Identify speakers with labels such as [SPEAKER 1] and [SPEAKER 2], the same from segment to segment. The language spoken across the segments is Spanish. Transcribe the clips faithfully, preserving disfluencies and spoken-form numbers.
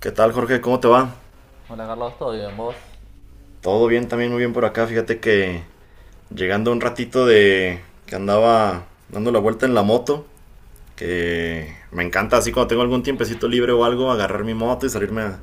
[SPEAKER 1] ¿Qué tal, Jorge? ¿Cómo te va?
[SPEAKER 2] Hola Carlos, ¿todo bien vos?
[SPEAKER 1] Todo bien, también muy bien por acá. Fíjate que llegando un ratito de que andaba dando la vuelta en la moto, que me encanta así cuando tengo algún tiempecito libre o algo, agarrar mi moto y salirme a,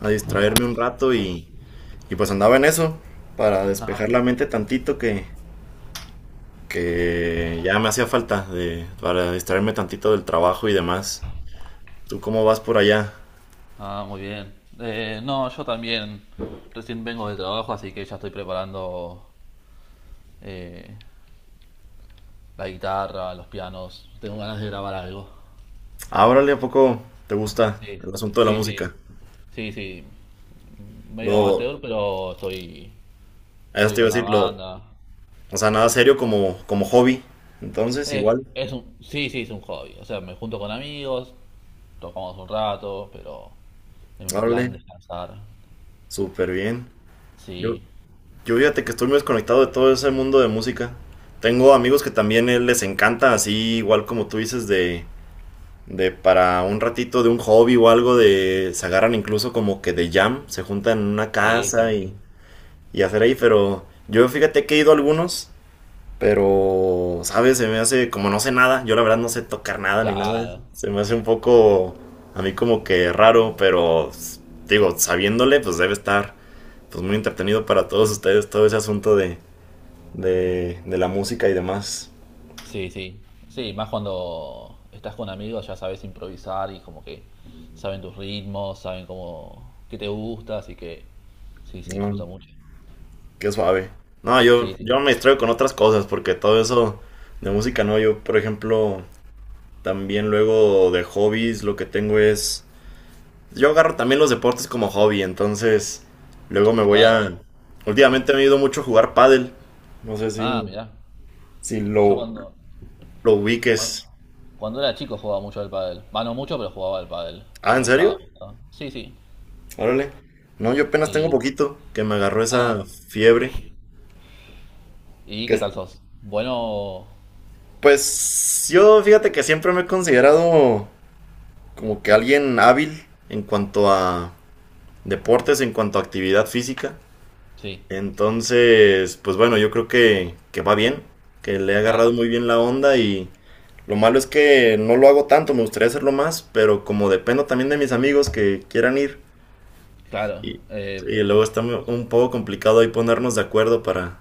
[SPEAKER 1] a distraerme un rato y, y pues andaba en eso para despejar la mente tantito que, que ya me hacía falta de, para distraerme tantito del trabajo y demás. ¿Tú cómo vas por allá?
[SPEAKER 2] Ah, muy bien. Eh, no, yo también recién vengo de trabajo, así que ya estoy preparando eh, la guitarra, los pianos. Tengo ganas de grabar algo.
[SPEAKER 1] Ábrale, ¿a poco te gusta
[SPEAKER 2] Sí,
[SPEAKER 1] el asunto de la
[SPEAKER 2] sí,
[SPEAKER 1] música?
[SPEAKER 2] sí. Sí, sí. Medio
[SPEAKER 1] Lo,
[SPEAKER 2] amateur, pero estoy,
[SPEAKER 1] Eso
[SPEAKER 2] estoy
[SPEAKER 1] te iba
[SPEAKER 2] con
[SPEAKER 1] a
[SPEAKER 2] una
[SPEAKER 1] decir, lo,
[SPEAKER 2] banda.
[SPEAKER 1] O sea, nada serio como, como, hobby. Entonces,
[SPEAKER 2] Es,
[SPEAKER 1] igual,
[SPEAKER 2] es un, sí, sí, es un hobby. O sea, me junto con amigos, tocamos un rato, pero en plan
[SPEAKER 1] órale,
[SPEAKER 2] descansar.
[SPEAKER 1] súper bien. Yo,
[SPEAKER 2] Sí,
[SPEAKER 1] yo fíjate que estoy muy desconectado de todo ese mundo de música. Tengo amigos que también eh, les encanta, así igual como tú dices, de, de para un ratito de un hobby o algo, de se agarran incluso como que de jam, se juntan en una
[SPEAKER 2] sí, sí,
[SPEAKER 1] casa y,
[SPEAKER 2] sí.
[SPEAKER 1] y hacer ahí, pero yo fíjate que he ido a algunos. Pero, ¿sabes? Se me hace, como no sé nada, yo la verdad no sé tocar nada ni nada,
[SPEAKER 2] Claro.
[SPEAKER 1] se me hace un poco, a mí como que raro, pero s- digo, sabiéndole, pues debe estar pues muy entretenido para todos ustedes todo ese asunto de, de, de la música y demás.
[SPEAKER 2] Sí, sí. Sí, más cuando estás con amigos ya sabes improvisar y como que saben tus ritmos, saben cómo, qué te gusta, así que sí, se disfruta
[SPEAKER 1] Mm,
[SPEAKER 2] mucho.
[SPEAKER 1] qué suave. No, yo,
[SPEAKER 2] Sí,
[SPEAKER 1] yo
[SPEAKER 2] sí.
[SPEAKER 1] me distraigo con otras cosas, porque todo eso de música no, yo, por ejemplo, también luego de hobbies lo que tengo es. Yo agarro también los deportes como hobby, entonces luego me voy
[SPEAKER 2] Claro, sí.
[SPEAKER 1] a. Últimamente me he ido mucho a jugar pádel. No sé
[SPEAKER 2] Ah,
[SPEAKER 1] si,
[SPEAKER 2] mirá.
[SPEAKER 1] si
[SPEAKER 2] Yo
[SPEAKER 1] lo,
[SPEAKER 2] cuando,
[SPEAKER 1] lo
[SPEAKER 2] cuando,
[SPEAKER 1] ubiques.
[SPEAKER 2] cuando era chico jugaba mucho al pádel. Va, no mucho, pero jugaba al pádel.
[SPEAKER 1] Ah,
[SPEAKER 2] Me
[SPEAKER 1] ¿en
[SPEAKER 2] gustaba,
[SPEAKER 1] serio?
[SPEAKER 2] me gustaba. Sí, sí.
[SPEAKER 1] Órale. No, yo apenas tengo
[SPEAKER 2] Y,
[SPEAKER 1] poquito que me agarró esa
[SPEAKER 2] ah,
[SPEAKER 1] fiebre.
[SPEAKER 2] ¿y
[SPEAKER 1] Que,
[SPEAKER 2] qué tal sos? Bueno,
[SPEAKER 1] pues yo fíjate que siempre me he considerado como que alguien hábil en cuanto a deportes, en cuanto a actividad física.
[SPEAKER 2] sí.
[SPEAKER 1] Entonces, pues bueno, yo creo que, que va bien, que le he agarrado
[SPEAKER 2] Ah,
[SPEAKER 1] muy bien la onda y lo malo es que no lo hago tanto, me gustaría hacerlo más, pero como dependo también de mis amigos que quieran ir,
[SPEAKER 2] claro.
[SPEAKER 1] y,
[SPEAKER 2] Eh,
[SPEAKER 1] y luego está mu- un poco complicado ahí ponernos de acuerdo para,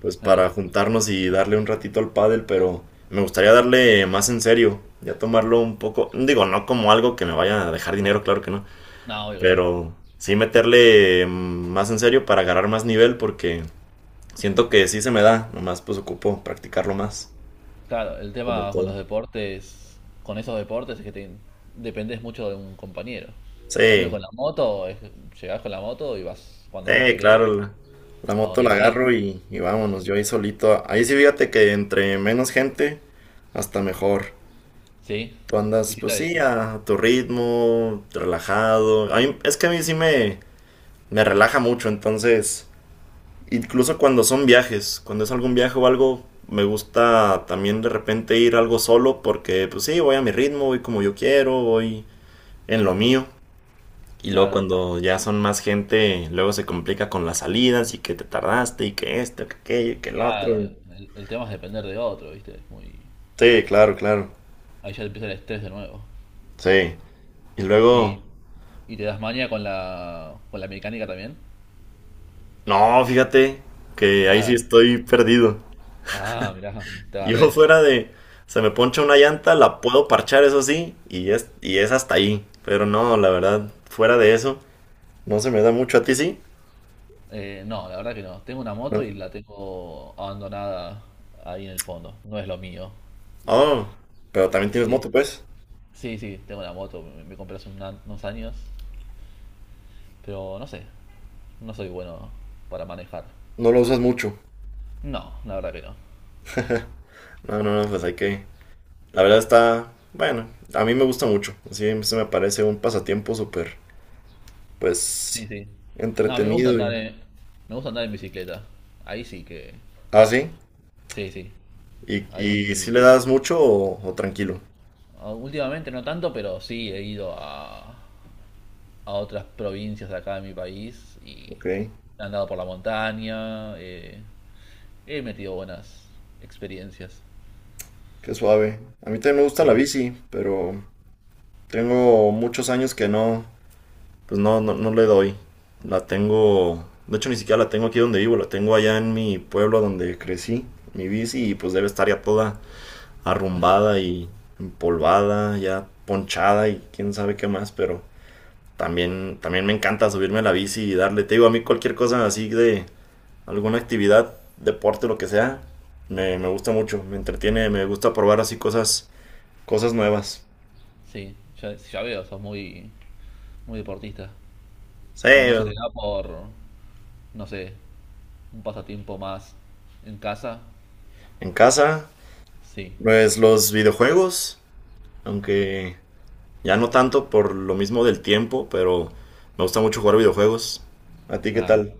[SPEAKER 1] pues,
[SPEAKER 2] claro.
[SPEAKER 1] para juntarnos y darle un ratito al pádel, pero me gustaría darle más en serio, ya tomarlo un poco, digo, no como algo que me vaya a dejar dinero, claro que no,
[SPEAKER 2] No, obvio que no.
[SPEAKER 1] pero sí meterle mm, más en serio para agarrar más nivel porque siento que sí se me da, nomás pues ocupo practicarlo más,
[SPEAKER 2] Claro, el
[SPEAKER 1] como
[SPEAKER 2] tema con
[SPEAKER 1] todo.
[SPEAKER 2] los deportes, con esos deportes es que te, dependés mucho de un compañero. En cambio con
[SPEAKER 1] Sí.
[SPEAKER 2] la moto, es, llegás con la moto y vas cuando vos
[SPEAKER 1] Eh, claro,
[SPEAKER 2] querés,
[SPEAKER 1] la, la
[SPEAKER 2] a
[SPEAKER 1] moto
[SPEAKER 2] donde
[SPEAKER 1] la
[SPEAKER 2] querés.
[SPEAKER 1] agarro y, y vámonos, yo ahí solito. Ahí sí, fíjate que entre menos gente, hasta mejor.
[SPEAKER 2] ¿Sí?
[SPEAKER 1] Tú andas,
[SPEAKER 2] ¿Viste?
[SPEAKER 1] pues
[SPEAKER 2] Ahí.
[SPEAKER 1] sí, a, a tu ritmo, relajado. A mí- es que a mí sí me, me relaja mucho, entonces, incluso cuando son viajes, cuando es algún viaje o algo, me gusta también de repente ir algo solo porque, pues sí, voy a mi ritmo, voy como yo quiero, voy en lo mío. Y luego
[SPEAKER 2] Claro,
[SPEAKER 1] cuando ya son más gente, luego se complica con las salidas y que te tardaste y que esto, que aquello, y que el otro.
[SPEAKER 2] claro.
[SPEAKER 1] y-
[SPEAKER 2] El, el tema es depender de otro, ¿viste? Es muy...
[SPEAKER 1] Sí, claro, claro.
[SPEAKER 2] Ahí ya empieza el estrés de nuevo.
[SPEAKER 1] Sí. Y
[SPEAKER 2] Y,
[SPEAKER 1] luego,
[SPEAKER 2] y te das maña con la, con la mecánica también.
[SPEAKER 1] no, fíjate que ahí sí
[SPEAKER 2] Nada.
[SPEAKER 1] estoy perdido.
[SPEAKER 2] Ah, mirá, te
[SPEAKER 1] Yo
[SPEAKER 2] agarré.
[SPEAKER 1] fuera de, se me poncha una llanta, la puedo parchar, eso sí, y es, y es hasta ahí. Pero no, la verdad, fuera de eso, no se me da mucho a ti, sí.
[SPEAKER 2] Eh, no, la verdad que no. Tengo una moto y
[SPEAKER 1] No.
[SPEAKER 2] la tengo abandonada ahí en el fondo. No es lo mío.
[SPEAKER 1] Oh, pero también tienes
[SPEAKER 2] Sí,
[SPEAKER 1] moto, pues.
[SPEAKER 2] sí, sí, tengo una moto. Me, me compré hace una- unos años. Pero no sé, no soy bueno para manejar.
[SPEAKER 1] No lo usas mucho.
[SPEAKER 2] No, la verdad que no.
[SPEAKER 1] No, no, no, pues hay que. La verdad está, bueno, a mí me gusta mucho. Así se me parece un pasatiempo súper, pues,
[SPEAKER 2] Sí, sí. No, a mí me gusta
[SPEAKER 1] entretenido
[SPEAKER 2] andar
[SPEAKER 1] y.
[SPEAKER 2] en, me gusta andar en bicicleta. Ahí sí que...
[SPEAKER 1] Ah, sí.
[SPEAKER 2] Sí, sí.
[SPEAKER 1] ¿Y, y si le
[SPEAKER 2] Ahí...
[SPEAKER 1] das mucho o, o tranquilo?
[SPEAKER 2] ah, últimamente no tanto, pero sí he ido a, a otras provincias de acá de mi país y
[SPEAKER 1] Ok,
[SPEAKER 2] he andado por la montaña. eh, He metido buenas experiencias.
[SPEAKER 1] qué suave. A mí también me gusta la
[SPEAKER 2] Sí,
[SPEAKER 1] bici, pero tengo muchos años que no, pues no, no, no le doy. La tengo, de hecho ni siquiera la tengo aquí donde vivo, la tengo allá en mi pueblo donde crecí, mi bici, y pues debe estar ya toda arrumbada y empolvada, ya ponchada y quién sabe qué más, pero también, también me encanta subirme a la bici y darle, te digo, a mí cualquier cosa así de alguna actividad, deporte, lo que sea, me, me gusta mucho, me entretiene, me gusta probar así cosas, cosas nuevas.
[SPEAKER 2] sí, ya, ya veo, sos muy, muy deportista.
[SPEAKER 1] Sí,
[SPEAKER 2] ¿Y no se
[SPEAKER 1] en
[SPEAKER 2] te da por, no sé, un pasatiempo más en casa?
[SPEAKER 1] casa,
[SPEAKER 2] Sí.
[SPEAKER 1] pues los videojuegos, aunque ya no tanto por lo mismo del tiempo, pero me gusta mucho jugar videojuegos. ¿A ti qué
[SPEAKER 2] Ah,
[SPEAKER 1] tal?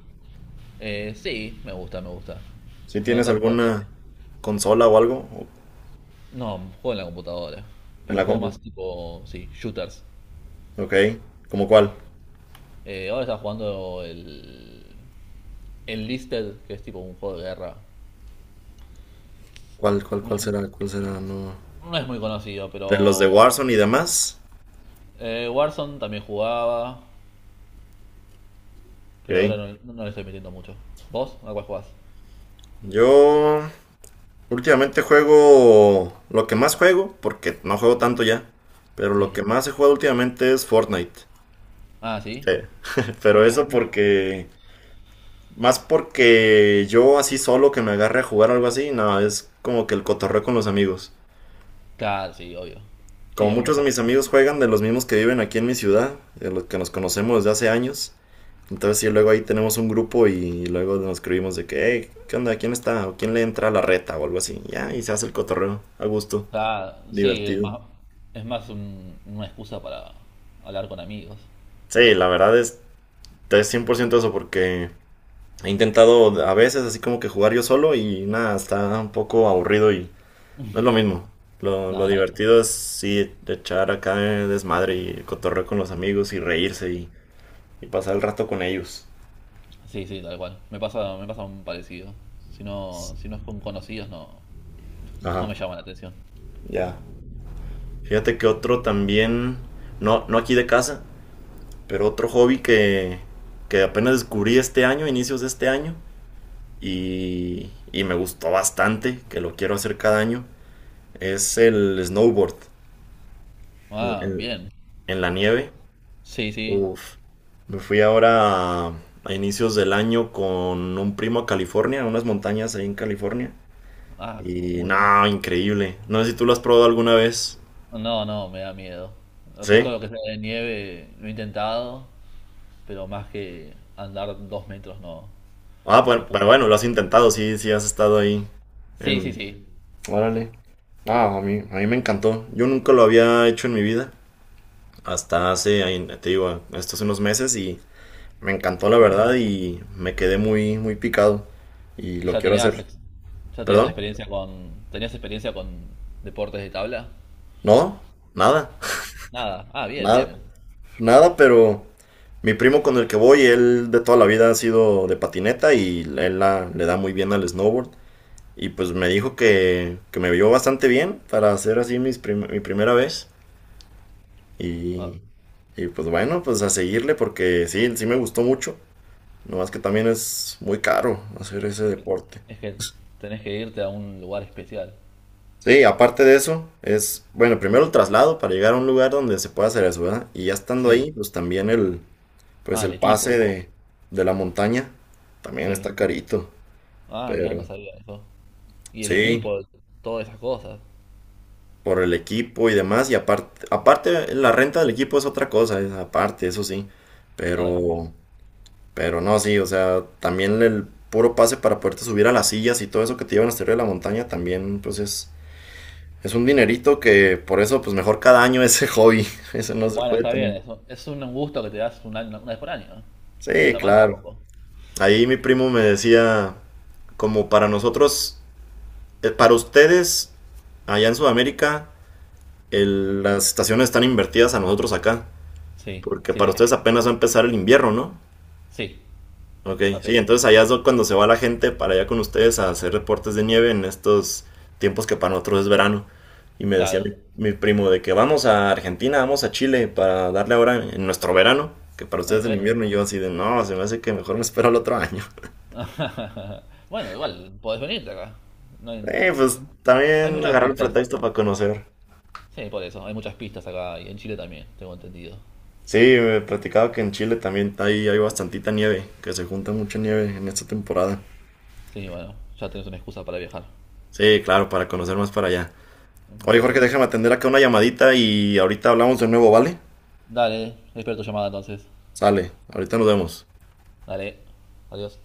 [SPEAKER 2] eh, sí, me gusta, me gusta.
[SPEAKER 1] ¿Si
[SPEAKER 2] No,
[SPEAKER 1] tienes
[SPEAKER 2] tam- también.
[SPEAKER 1] alguna consola o algo?
[SPEAKER 2] No, juego en la computadora.
[SPEAKER 1] En
[SPEAKER 2] Pero
[SPEAKER 1] la
[SPEAKER 2] juego
[SPEAKER 1] compu.
[SPEAKER 2] más tipo, sí, shooters.
[SPEAKER 1] Ok. ¿Cómo cuál?
[SPEAKER 2] Eh, ahora estaba jugando el, el Listed, que es tipo un juego de guerra.
[SPEAKER 1] ¿Cuál, cuál,
[SPEAKER 2] No
[SPEAKER 1] cuál
[SPEAKER 2] es,
[SPEAKER 1] será? ¿Cuál será? No.
[SPEAKER 2] no es muy conocido,
[SPEAKER 1] De los de Warzone
[SPEAKER 2] pero
[SPEAKER 1] y demás.
[SPEAKER 2] eh, Warzone también jugaba.
[SPEAKER 1] Ok.
[SPEAKER 2] Pero ahora no, no le estoy metiendo mucho. ¿Vos? ¿A cuál jugás?
[SPEAKER 1] Yo últimamente juego lo que más juego, porque no juego tanto ya, pero lo
[SPEAKER 2] Sí.
[SPEAKER 1] que más he jugado últimamente es Fortnite.
[SPEAKER 2] Ah, sí.
[SPEAKER 1] Eh,
[SPEAKER 2] Yo
[SPEAKER 1] Pero
[SPEAKER 2] nu-
[SPEAKER 1] eso
[SPEAKER 2] nunca.
[SPEAKER 1] porque, más porque yo así solo que me agarre a jugar algo así, no, es como que el cotorreo con los amigos.
[SPEAKER 2] Claro, sí, obvio. Sí,
[SPEAKER 1] Como
[SPEAKER 2] a mí me
[SPEAKER 1] muchos
[SPEAKER 2] pasó
[SPEAKER 1] de
[SPEAKER 2] lo
[SPEAKER 1] mis
[SPEAKER 2] mismo.
[SPEAKER 1] amigos juegan de los mismos que viven aquí en mi ciudad, de los que nos conocemos desde hace años. Entonces, sí, luego ahí tenemos un grupo y luego nos escribimos de que, hey, ¿qué onda? ¿Quién está? ¿O quién le entra a la reta? O algo así. Ya, y se hace el cotorreo a gusto,
[SPEAKER 2] O sea, sí, es
[SPEAKER 1] divertido.
[SPEAKER 2] más, es más un- una excusa para hablar con amigos.
[SPEAKER 1] Sí, la verdad es, es cien por ciento eso porque he intentado a veces así como que jugar yo solo y nada, está un poco aburrido y no es lo mismo. Lo, lo
[SPEAKER 2] No, no.
[SPEAKER 1] divertido es sí echar acá desmadre y cotorreo con los amigos y reírse y, y pasar el rato con ellos.
[SPEAKER 2] Sí, sí, tal cual. Me pasa, me pasa un parecido. Si no, si no es con conocidos, no, no
[SPEAKER 1] Ajá,
[SPEAKER 2] me llama la atención.
[SPEAKER 1] ya. Fíjate que otro también, no, no aquí de casa. Pero otro hobby que, que apenas descubrí este año, inicios de este año, y, y me gustó bastante, que lo quiero hacer cada año, es el snowboard, el-
[SPEAKER 2] Ah,
[SPEAKER 1] el-
[SPEAKER 2] bien.
[SPEAKER 1] en la nieve.
[SPEAKER 2] Sí, sí.
[SPEAKER 1] Uf, me fui ahora a, a inicios del año con un primo a California, a unas montañas ahí en California.
[SPEAKER 2] Ah,
[SPEAKER 1] Y
[SPEAKER 2] muy bien.
[SPEAKER 1] no, increíble. No sé si tú lo has probado alguna vez.
[SPEAKER 2] No, no, me da miedo. O sea,
[SPEAKER 1] ¿Sí?
[SPEAKER 2] todo lo que sea de nieve lo he intentado pero más que andar dos metros no,
[SPEAKER 1] Ah,
[SPEAKER 2] no
[SPEAKER 1] bueno, pero
[SPEAKER 2] pude.
[SPEAKER 1] bueno, lo has intentado, sí, sí has estado ahí
[SPEAKER 2] Sí, sí,
[SPEAKER 1] en.
[SPEAKER 2] sí.
[SPEAKER 1] Órale. Ah, a mí, a mí me encantó. Yo nunca lo había hecho en mi vida. Hasta hace, ahí, te digo, estos unos meses y me encantó la verdad y me quedé muy, muy picado. Y
[SPEAKER 2] Y
[SPEAKER 1] lo
[SPEAKER 2] ya
[SPEAKER 1] quiero
[SPEAKER 2] tenías,
[SPEAKER 1] hacer.
[SPEAKER 2] ex- ya tenías
[SPEAKER 1] ¿Perdón?
[SPEAKER 2] experiencia con, tenías experiencia con deportes de tabla.
[SPEAKER 1] No, nada,
[SPEAKER 2] Ah, nada. Ah, bien, bien,
[SPEAKER 1] nada,
[SPEAKER 2] bien.
[SPEAKER 1] nada, pero mi primo con el que voy, él de toda la vida ha sido de patineta y él la- le da muy bien al snowboard. Y pues me dijo que, que me vio bastante bien para hacer así mis prim- mi primera vez.
[SPEAKER 2] Ah,
[SPEAKER 1] Y, y pues bueno, pues a seguirle porque sí, sí me gustó mucho. Nomás que también es muy caro hacer ese
[SPEAKER 2] es que
[SPEAKER 1] deporte.
[SPEAKER 2] es que tenés que irte a un lugar especial.
[SPEAKER 1] Sí, aparte de eso, es, bueno, primero el traslado para llegar a un lugar donde se pueda hacer eso, ¿verdad? Y ya estando
[SPEAKER 2] Sí.
[SPEAKER 1] ahí, pues también el, pues
[SPEAKER 2] Ah, el
[SPEAKER 1] el pase
[SPEAKER 2] equipo.
[SPEAKER 1] de, de, la montaña también
[SPEAKER 2] Sí.
[SPEAKER 1] está carito.
[SPEAKER 2] Ah, mirá, no
[SPEAKER 1] Pero
[SPEAKER 2] sabía eso. Y el
[SPEAKER 1] sí,
[SPEAKER 2] equipo, todas esas cosas.
[SPEAKER 1] por el equipo y demás. Y aparte, aparte la renta del equipo es otra cosa, es aparte, eso sí.
[SPEAKER 2] Ay, muy...
[SPEAKER 1] Pero Pero no, sí, o sea, también el puro pase para poderte subir a las sillas y todo eso que te llevan hasta arriba de la montaña también, pues es, es un dinerito que por eso, pues mejor cada año ese hobby. Eso no se
[SPEAKER 2] Bueno,
[SPEAKER 1] puede
[SPEAKER 2] está bien,
[SPEAKER 1] tan.
[SPEAKER 2] eso. Es un gusto que te das una, una vez por año. No No
[SPEAKER 1] Sí,
[SPEAKER 2] está mal
[SPEAKER 1] claro.
[SPEAKER 2] tampoco.
[SPEAKER 1] Ahí mi primo me decía, como para nosotros, eh, para ustedes, allá en Sudamérica, el- las estaciones están invertidas a nosotros acá.
[SPEAKER 2] Sí,
[SPEAKER 1] Porque
[SPEAKER 2] sí,
[SPEAKER 1] para
[SPEAKER 2] sí.
[SPEAKER 1] ustedes apenas va a empezar el invierno, ¿no?
[SPEAKER 2] Sí,
[SPEAKER 1] Ok, sí,
[SPEAKER 2] apenas.
[SPEAKER 1] entonces allá es cuando se va la gente para allá con ustedes a hacer reportes de nieve en estos tiempos que para nosotros es verano. Y me decía
[SPEAKER 2] Claro.
[SPEAKER 1] mi, mi primo de que vamos a Argentina, vamos a Chile para darle ahora en nuestro verano, que para ustedes
[SPEAKER 2] Ay,
[SPEAKER 1] es el invierno.
[SPEAKER 2] bueno.
[SPEAKER 1] Y yo así de, no, se me hace que mejor me espero el otro año.
[SPEAKER 2] Bueno, igual, podés venirte acá. No hay,
[SPEAKER 1] Eh, pues
[SPEAKER 2] hay
[SPEAKER 1] también
[SPEAKER 2] muchas
[SPEAKER 1] agarrar el
[SPEAKER 2] pistas.
[SPEAKER 1] pretexto para conocer.
[SPEAKER 2] Sí, por eso, hay muchas pistas acá y en Chile también, tengo entendido.
[SPEAKER 1] Sí, me platicaba que en Chile también hay, hay bastantita nieve, que se junta mucha nieve en esta temporada.
[SPEAKER 2] Sí, bueno, ya tenés una excusa para viajar.
[SPEAKER 1] Sí, claro, para conocer más para allá. Oye, Jorge,
[SPEAKER 2] Perfecto.
[SPEAKER 1] déjame atender acá una llamadita y ahorita hablamos de nuevo, ¿vale?
[SPEAKER 2] Dale, espero tu llamada entonces.
[SPEAKER 1] Sale, ahorita nos vemos.
[SPEAKER 2] Dale, adiós.